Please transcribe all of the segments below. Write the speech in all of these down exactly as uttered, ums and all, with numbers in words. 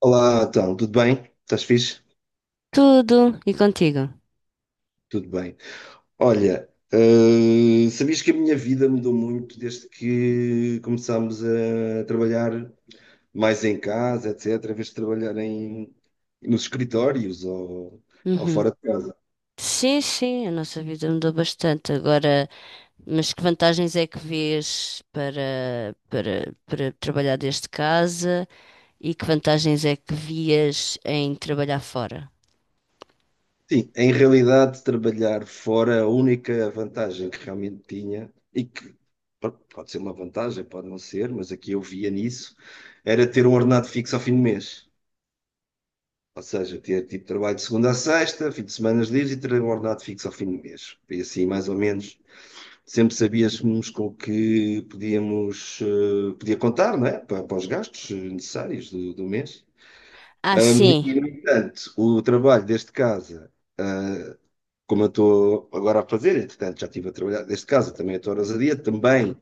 Olá, então, tudo bem? Estás fixe? Tudo. E contigo? Tudo bem. Olha, eh, sabias que a minha vida mudou muito desde que começámos a trabalhar mais em casa, etcétera, em vez de trabalhar em, nos escritórios ou, ou Uhum. fora de casa. Sim, sim, a nossa vida mudou bastante. Agora, mas que vantagens é que vês para, para, para trabalhar desde casa e que vantagens é que vias em trabalhar fora? Sim, em realidade, trabalhar fora, a única vantagem que realmente tinha, e que pode pode ser uma vantagem, pode não ser, mas aqui eu via nisso, era ter um ordenado fixo ao fim do mês. Ou seja, ter tipo trabalho de segunda a sexta, fim de semanas livres e ter um ordenado fixo ao fim do mês. E assim, mais ou menos, sempre sabíamos com o que podíamos, eh, podia contar, não é? Para, para os gastos eh, necessários do, do mês. Ah, Ahm, sim. e, no entanto, o trabalho deste casa, ah, como eu estou agora a fazer, entretanto, já estive a trabalhar deste casa também 8 horas a dia, também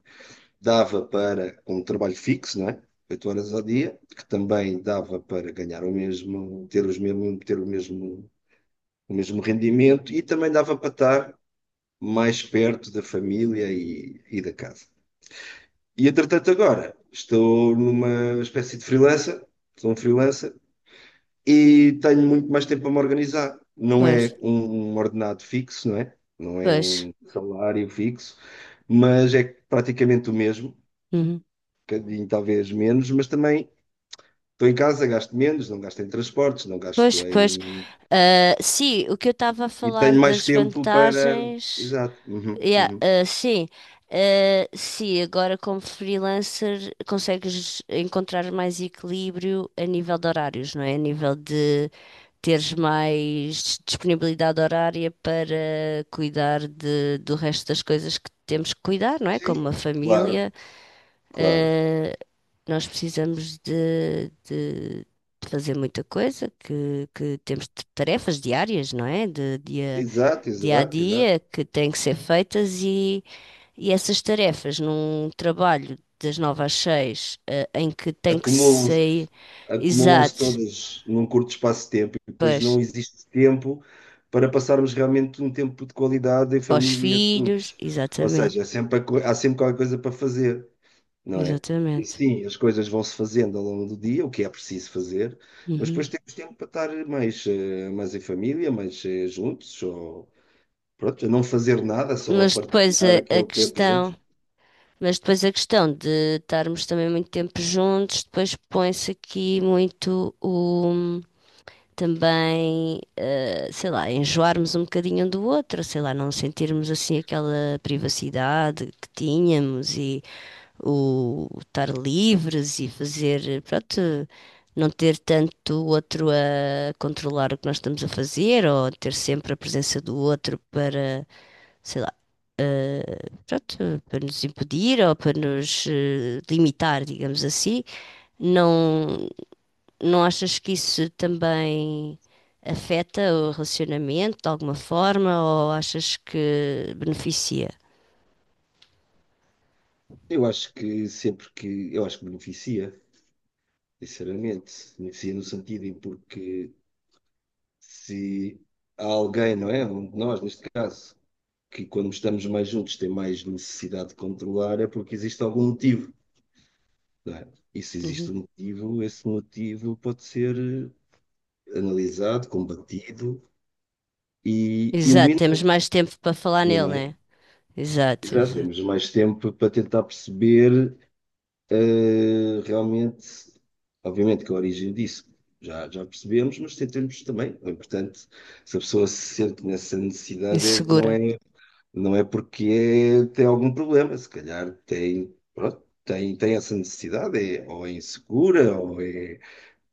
dava para um trabalho fixo, não é? Oito horas ao dia, que também dava para ganhar o mesmo, ter os mesmo, ter o mesmo o mesmo rendimento e também dava para estar mais perto da família e, e da casa. E entretanto agora estou numa espécie de freelancer, sou um freelancer e tenho muito mais tempo a me organizar. Não Pois, é um, um ordenado fixo, não é? Não é pois. um salário fixo, mas é praticamente o mesmo, um Uhum. bocadinho talvez menos, mas também estou em casa, gasto menos, não gasto em transportes, não gasto Pois, pois. em. Ah, sim, o que eu estava a E falar tenho mais das tempo para. vantagens. Exato. Uhum, Yeah, uhum. eh, sim. Eh, sim, agora como freelancer consegues encontrar mais equilíbrio a nível de horários, não é? A nível de teres mais disponibilidade horária para cuidar de, do resto das coisas que temos que cuidar, não é? Sim, Como a claro. família, Claro. eh, nós precisamos de, de- de fazer muita coisa, que, que temos t- tarefas diárias, não é? De dia, Exato, dia a exato, exato. dia que têm que ser feitas e essas tarefas num trabalho das nove às seis, eh, em que tem que Acumulam-se, ser acumulam-se exato, todas num curto espaço de tempo e depois não pois, existe tempo para passarmos realmente um tempo de qualidade em para os família filhos, todos. Ou exatamente, seja, é sempre a co- há sempre qualquer coisa para fazer, não é? E exatamente. sim, as coisas vão-se fazendo ao longo do dia, o que é preciso fazer, mas Uhum. depois temos tempo para estar mais, eh, mais em família, mais eh, juntos, ou pronto, não fazer nada, só Mas depois a, partilhar a aquele tempo questão, juntos. mas depois a questão de estarmos também muito tempo juntos, depois põe-se aqui muito também, eh, sei lá, enjoarmos um bocadinho um do outro, sei lá, não sentirmos assim aquela privacidade que tínhamos e o estar livres e fazer, pronto, não ter tanto o outro a controlar o que nós estamos a fazer ou ter sempre a presença do outro para, sei lá, pronto, para nos impedir ou para nos eh, limitar, digamos assim. Não. Não achas que isso também afeta o relacionamento de alguma forma ou achas que beneficia? Eu acho que sempre que. Eu acho que beneficia, sinceramente. Beneficia no sentido em porque se há alguém, não é? Um de nós, neste caso, que quando estamos mais juntos tem mais necessidade de controlar, é porque existe algum motivo, não é? E se existe Uhum. um motivo, esse motivo pode ser eh, analisado, combatido e Exato, eliminado, temos mais tempo para falar nele, não é? né? Exato, Exato. exato. Temos mais tempo para tentar perceber. Eh, realmente, obviamente que a origem disso já, já percebemos, mas tentamos também. É importante, se a pessoa se sente nessa necessidade, é- não Insegura. é, não é porque é- tem algum problema, se calhar tem, pronto, tem, tem essa necessidade, é, ou é insegura, ou é,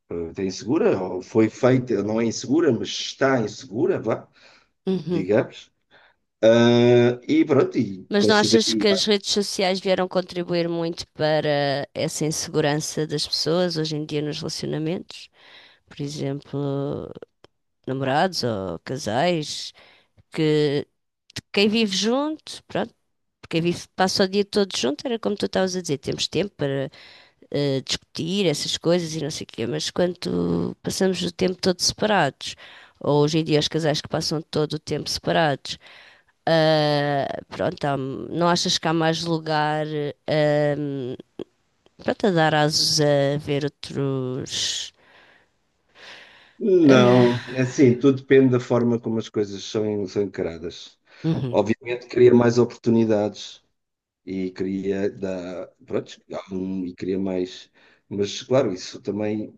eh, tem insegura, ou foi feita, não é insegura, mas está insegura, vá, Uhum. digamos. Ah, e pronto, e Mas não considera. achas que as redes sociais vieram contribuir muito para essa insegurança das pessoas hoje em dia nos relacionamentos? Por exemplo, namorados ou casais, que quem vive junto, pronto, quem vive passa o dia todo junto, era como tu estavas a dizer, temos tempo para eh, discutir essas coisas e não sei o quê, mas quando passamos o tempo todo separados, ou hoje em dia os casais que passam todo o tempo separados, ah, pronto, há- não achas que há mais lugar, ahm, pronto, a dar asos a ver outros. Não, é assim, tudo depende da forma como as coisas são, são encaradas. Uhum. Obviamente cria mais oportunidades e cria da, pronto, há um- e cria mais, mas claro, isso também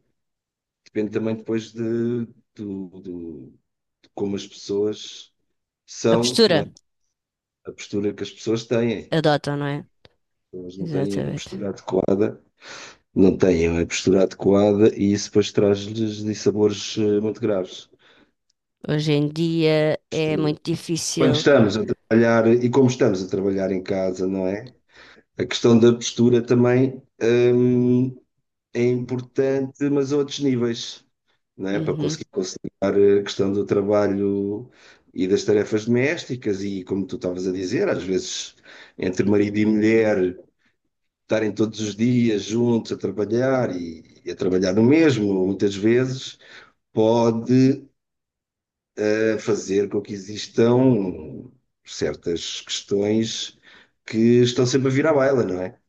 depende também depois de, do- do- de como as pessoas A são, postura não é? A postura que as pessoas têm. adotam, não é? Elas não têm a Exatamente. postura adequada, não têm a postura adequada e isso depois traz-lhes dissabores eh, muito graves. Hoje em dia é muito Quando difícil. estamos a trabalhar e como estamos a trabalhar em casa, não é? A questão da postura também, hum, é importante, mas a outros níveis, não é? Para Uhum, conseguir conciliar a questão do trabalho e das tarefas domésticas e, como tu estavas a dizer, às vezes entre marido e mulher estarem todos os dias juntos a trabalhar e, e a trabalhar no mesmo, muitas vezes pode a fazer com que existam certas questões que estão sempre a vir à baila, não é?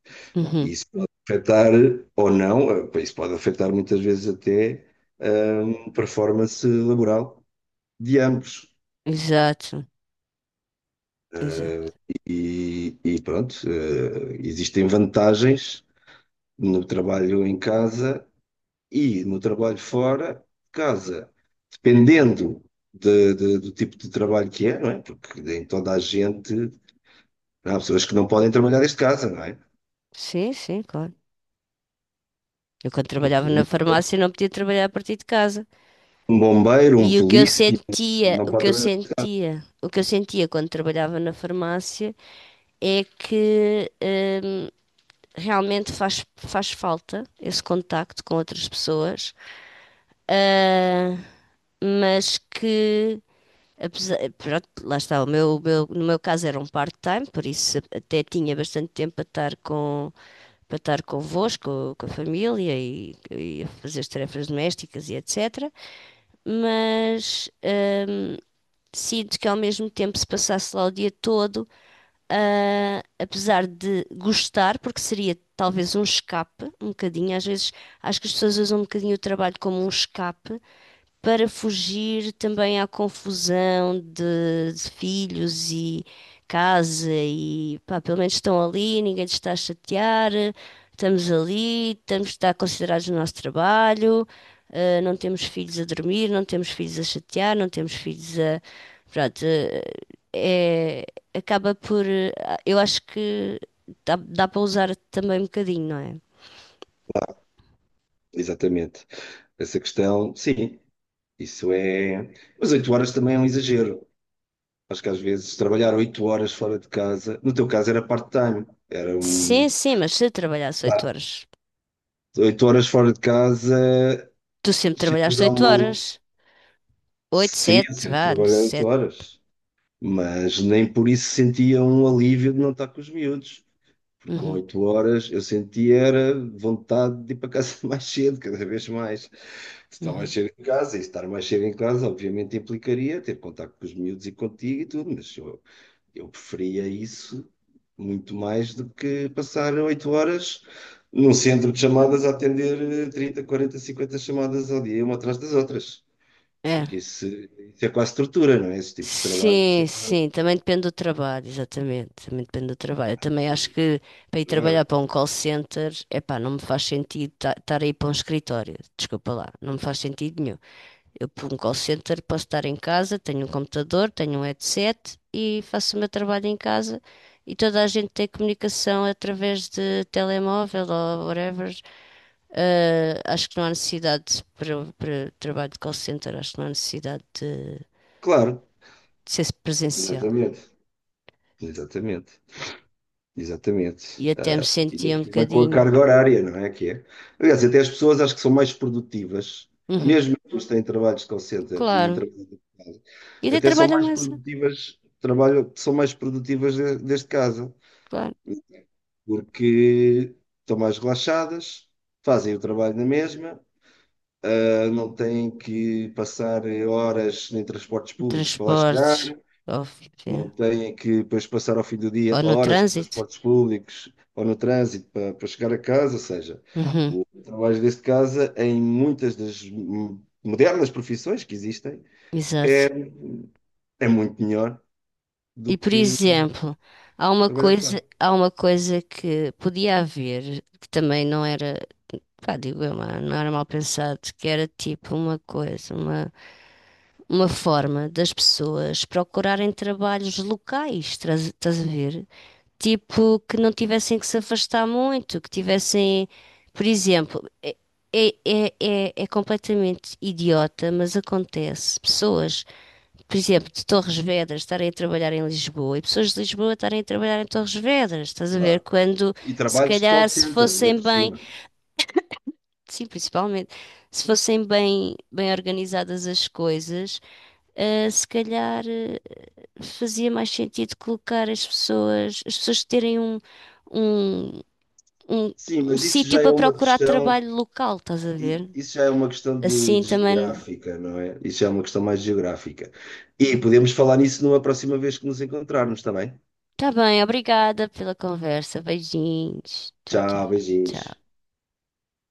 E uhum. isso pode afetar ou não, eh, isso pode afetar muitas vezes até hum, a performance laboral de ambos. Exato, exato. E, e pronto, eh, existem vantagens no trabalho em casa e no trabalho fora de casa, dependendo de- de- do tipo de trabalho que é, não é? Porque em toda a gente. Há pessoas que não podem trabalhar desde casa, não é? Sim, sim, claro. Eu quando Um trabalhava na polícia, farmácia não podia trabalhar a partir de casa. um bombeiro, E um o que eu polícia, sentia, não o pode que eu trabalhar. sentia, o que eu sentia quando trabalhava na farmácia é que realmente faz, faz falta esse contacto com outras pessoas, ah, mas que, apesar, pronto, lá está, o meu, o meu- no meu caso era um part-time, por isso até tinha bastante tempo para estar com, para estar convosco, com a família e, e a fazer as tarefas domésticas e et cetera. Mas, ah, sinto que ao mesmo tempo, se passasse lá o dia todo, ah, apesar de gostar, porque seria talvez um escape, um bocadinho. Às vezes acho que as pessoas usam um bocadinho o trabalho como um escape, para fugir também à confusão de, de filhos e casa e pá, pelo menos estão ali, ninguém te está a chatear, estamos ali, estamos está considerados no nosso trabalho, eh, não temos filhos a dormir, não temos filhos a chatear, não temos filhos a. Pronto, eh, é, acaba por. eh, Eu acho que dá, dá para usar também um bocadinho, não é? Exatamente. Essa questão, sim, isso é. Mas oito horas também é um exagero. Acho que às vezes trabalhar oito horas fora de casa, no teu caso era part-time, era um. Sim, sim, mas se trabalhasse Pá, oito horas. oito horas fora de casa, Tu sempre chegas trabalhaste a oito uma. al- horas. Oito, Sim, eu sete, sempre vá, no trabalhei oito sete. horas, mas nem por isso sentia um alívio de não estar com os miúdos. Porque com Uhum, oito horas eu sentia era vontade de ir para casa mais cedo, cada vez mais. Estar mais uhum. cedo em casa, e estar mais cedo em casa obviamente implicaria ter contacto com os miúdos e contigo e tudo, mas eu, eu preferia isso muito mais do que passar oito horas num centro de chamadas a atender eh, trinta, quarenta, cinquenta chamadas ao dia, uma atrás das outras. É. Porque isso, isso é quase tortura, não é? Esses tipos de trabalho, isso é Sim, quase sim, também depende do trabalho, exatamente. Também depende do trabalho. Eu também acho que para ir trabalhar tortura. para um call center, epá, não me faz sentido estar aí para um escritório. Desculpa lá, não me faz sentido nenhum. Eu para um call center posso estar em casa, tenho um computador, tenho um headset e faço o meu trabalho em casa e toda a gente tem comunicação através de telemóvel ou whatever. Ah, acho que não há necessidade para, para trabalho de call center, acho que não há necessidade de, de Claro, ser presencial. exatamente. Exatamente. E Exatamente. até me Ah, Ainda sentia por um cima com a bocadinho. carga horária, não é que é? Aliás, até as pessoas acho que são mais produtivas, Uhum, mesmo as pessoas que têm trabalhos de call center e claro. trabalham de casa, E até até são trabalho à mais massa, produtivas, trabalham, são mais produtivas de- desde casa, claro. porque estão mais relaxadas, fazem o trabalho na mesma, ah, não têm que passar horas em transportes Em públicos para lá transportes, chegar, óbvio, não é. têm que depois passar ao fim do dia Ou no horas em trânsito. transportes públicos ou no trânsito para, para chegar a casa, ou seja, Uhum, o trabalho desde casa em muitas das hum, modernas profissões que existem exato. é, é muito melhor do E por que exemplo, há uma trabalhar coisa, fora. há uma coisa que podia haver, que também não era, pá, digo eu, não era mal pensado, que era tipo uma coisa, uma uma forma das pessoas procurarem trabalhos locais, traz- estás a ver? Tipo, que não tivessem que se afastar muito, que tivessem, por exemplo, é, é, é, é é completamente idiota, mas acontece. Pessoas, por exemplo, de Torres Vedras estarem a trabalhar em Lisboa e pessoas de Lisboa estarem a trabalhar em Torres Vedras, estás a ver? Claro. Quando, E se trabalhos de call calhar, se center, ainda fossem por bem, cima. sim, principalmente, se fossem bem, bem organizadas as coisas. Uh, se calhar eh, fazia mais sentido colocar as pessoas, as pessoas terem um, um, um, Sim, um mas isso sítio já é para uma procurar questão, trabalho local, estás a i- ver? isso já é uma questão de Assim de também. geográfica, não é? Isso já é uma questão mais geográfica. E podemos falar nisso numa próxima vez que nos encontrarmos, está bem? Tá bem, obrigada pela conversa. Beijinhos. Tchau, tchau, Tchau, beijinhos. tchau.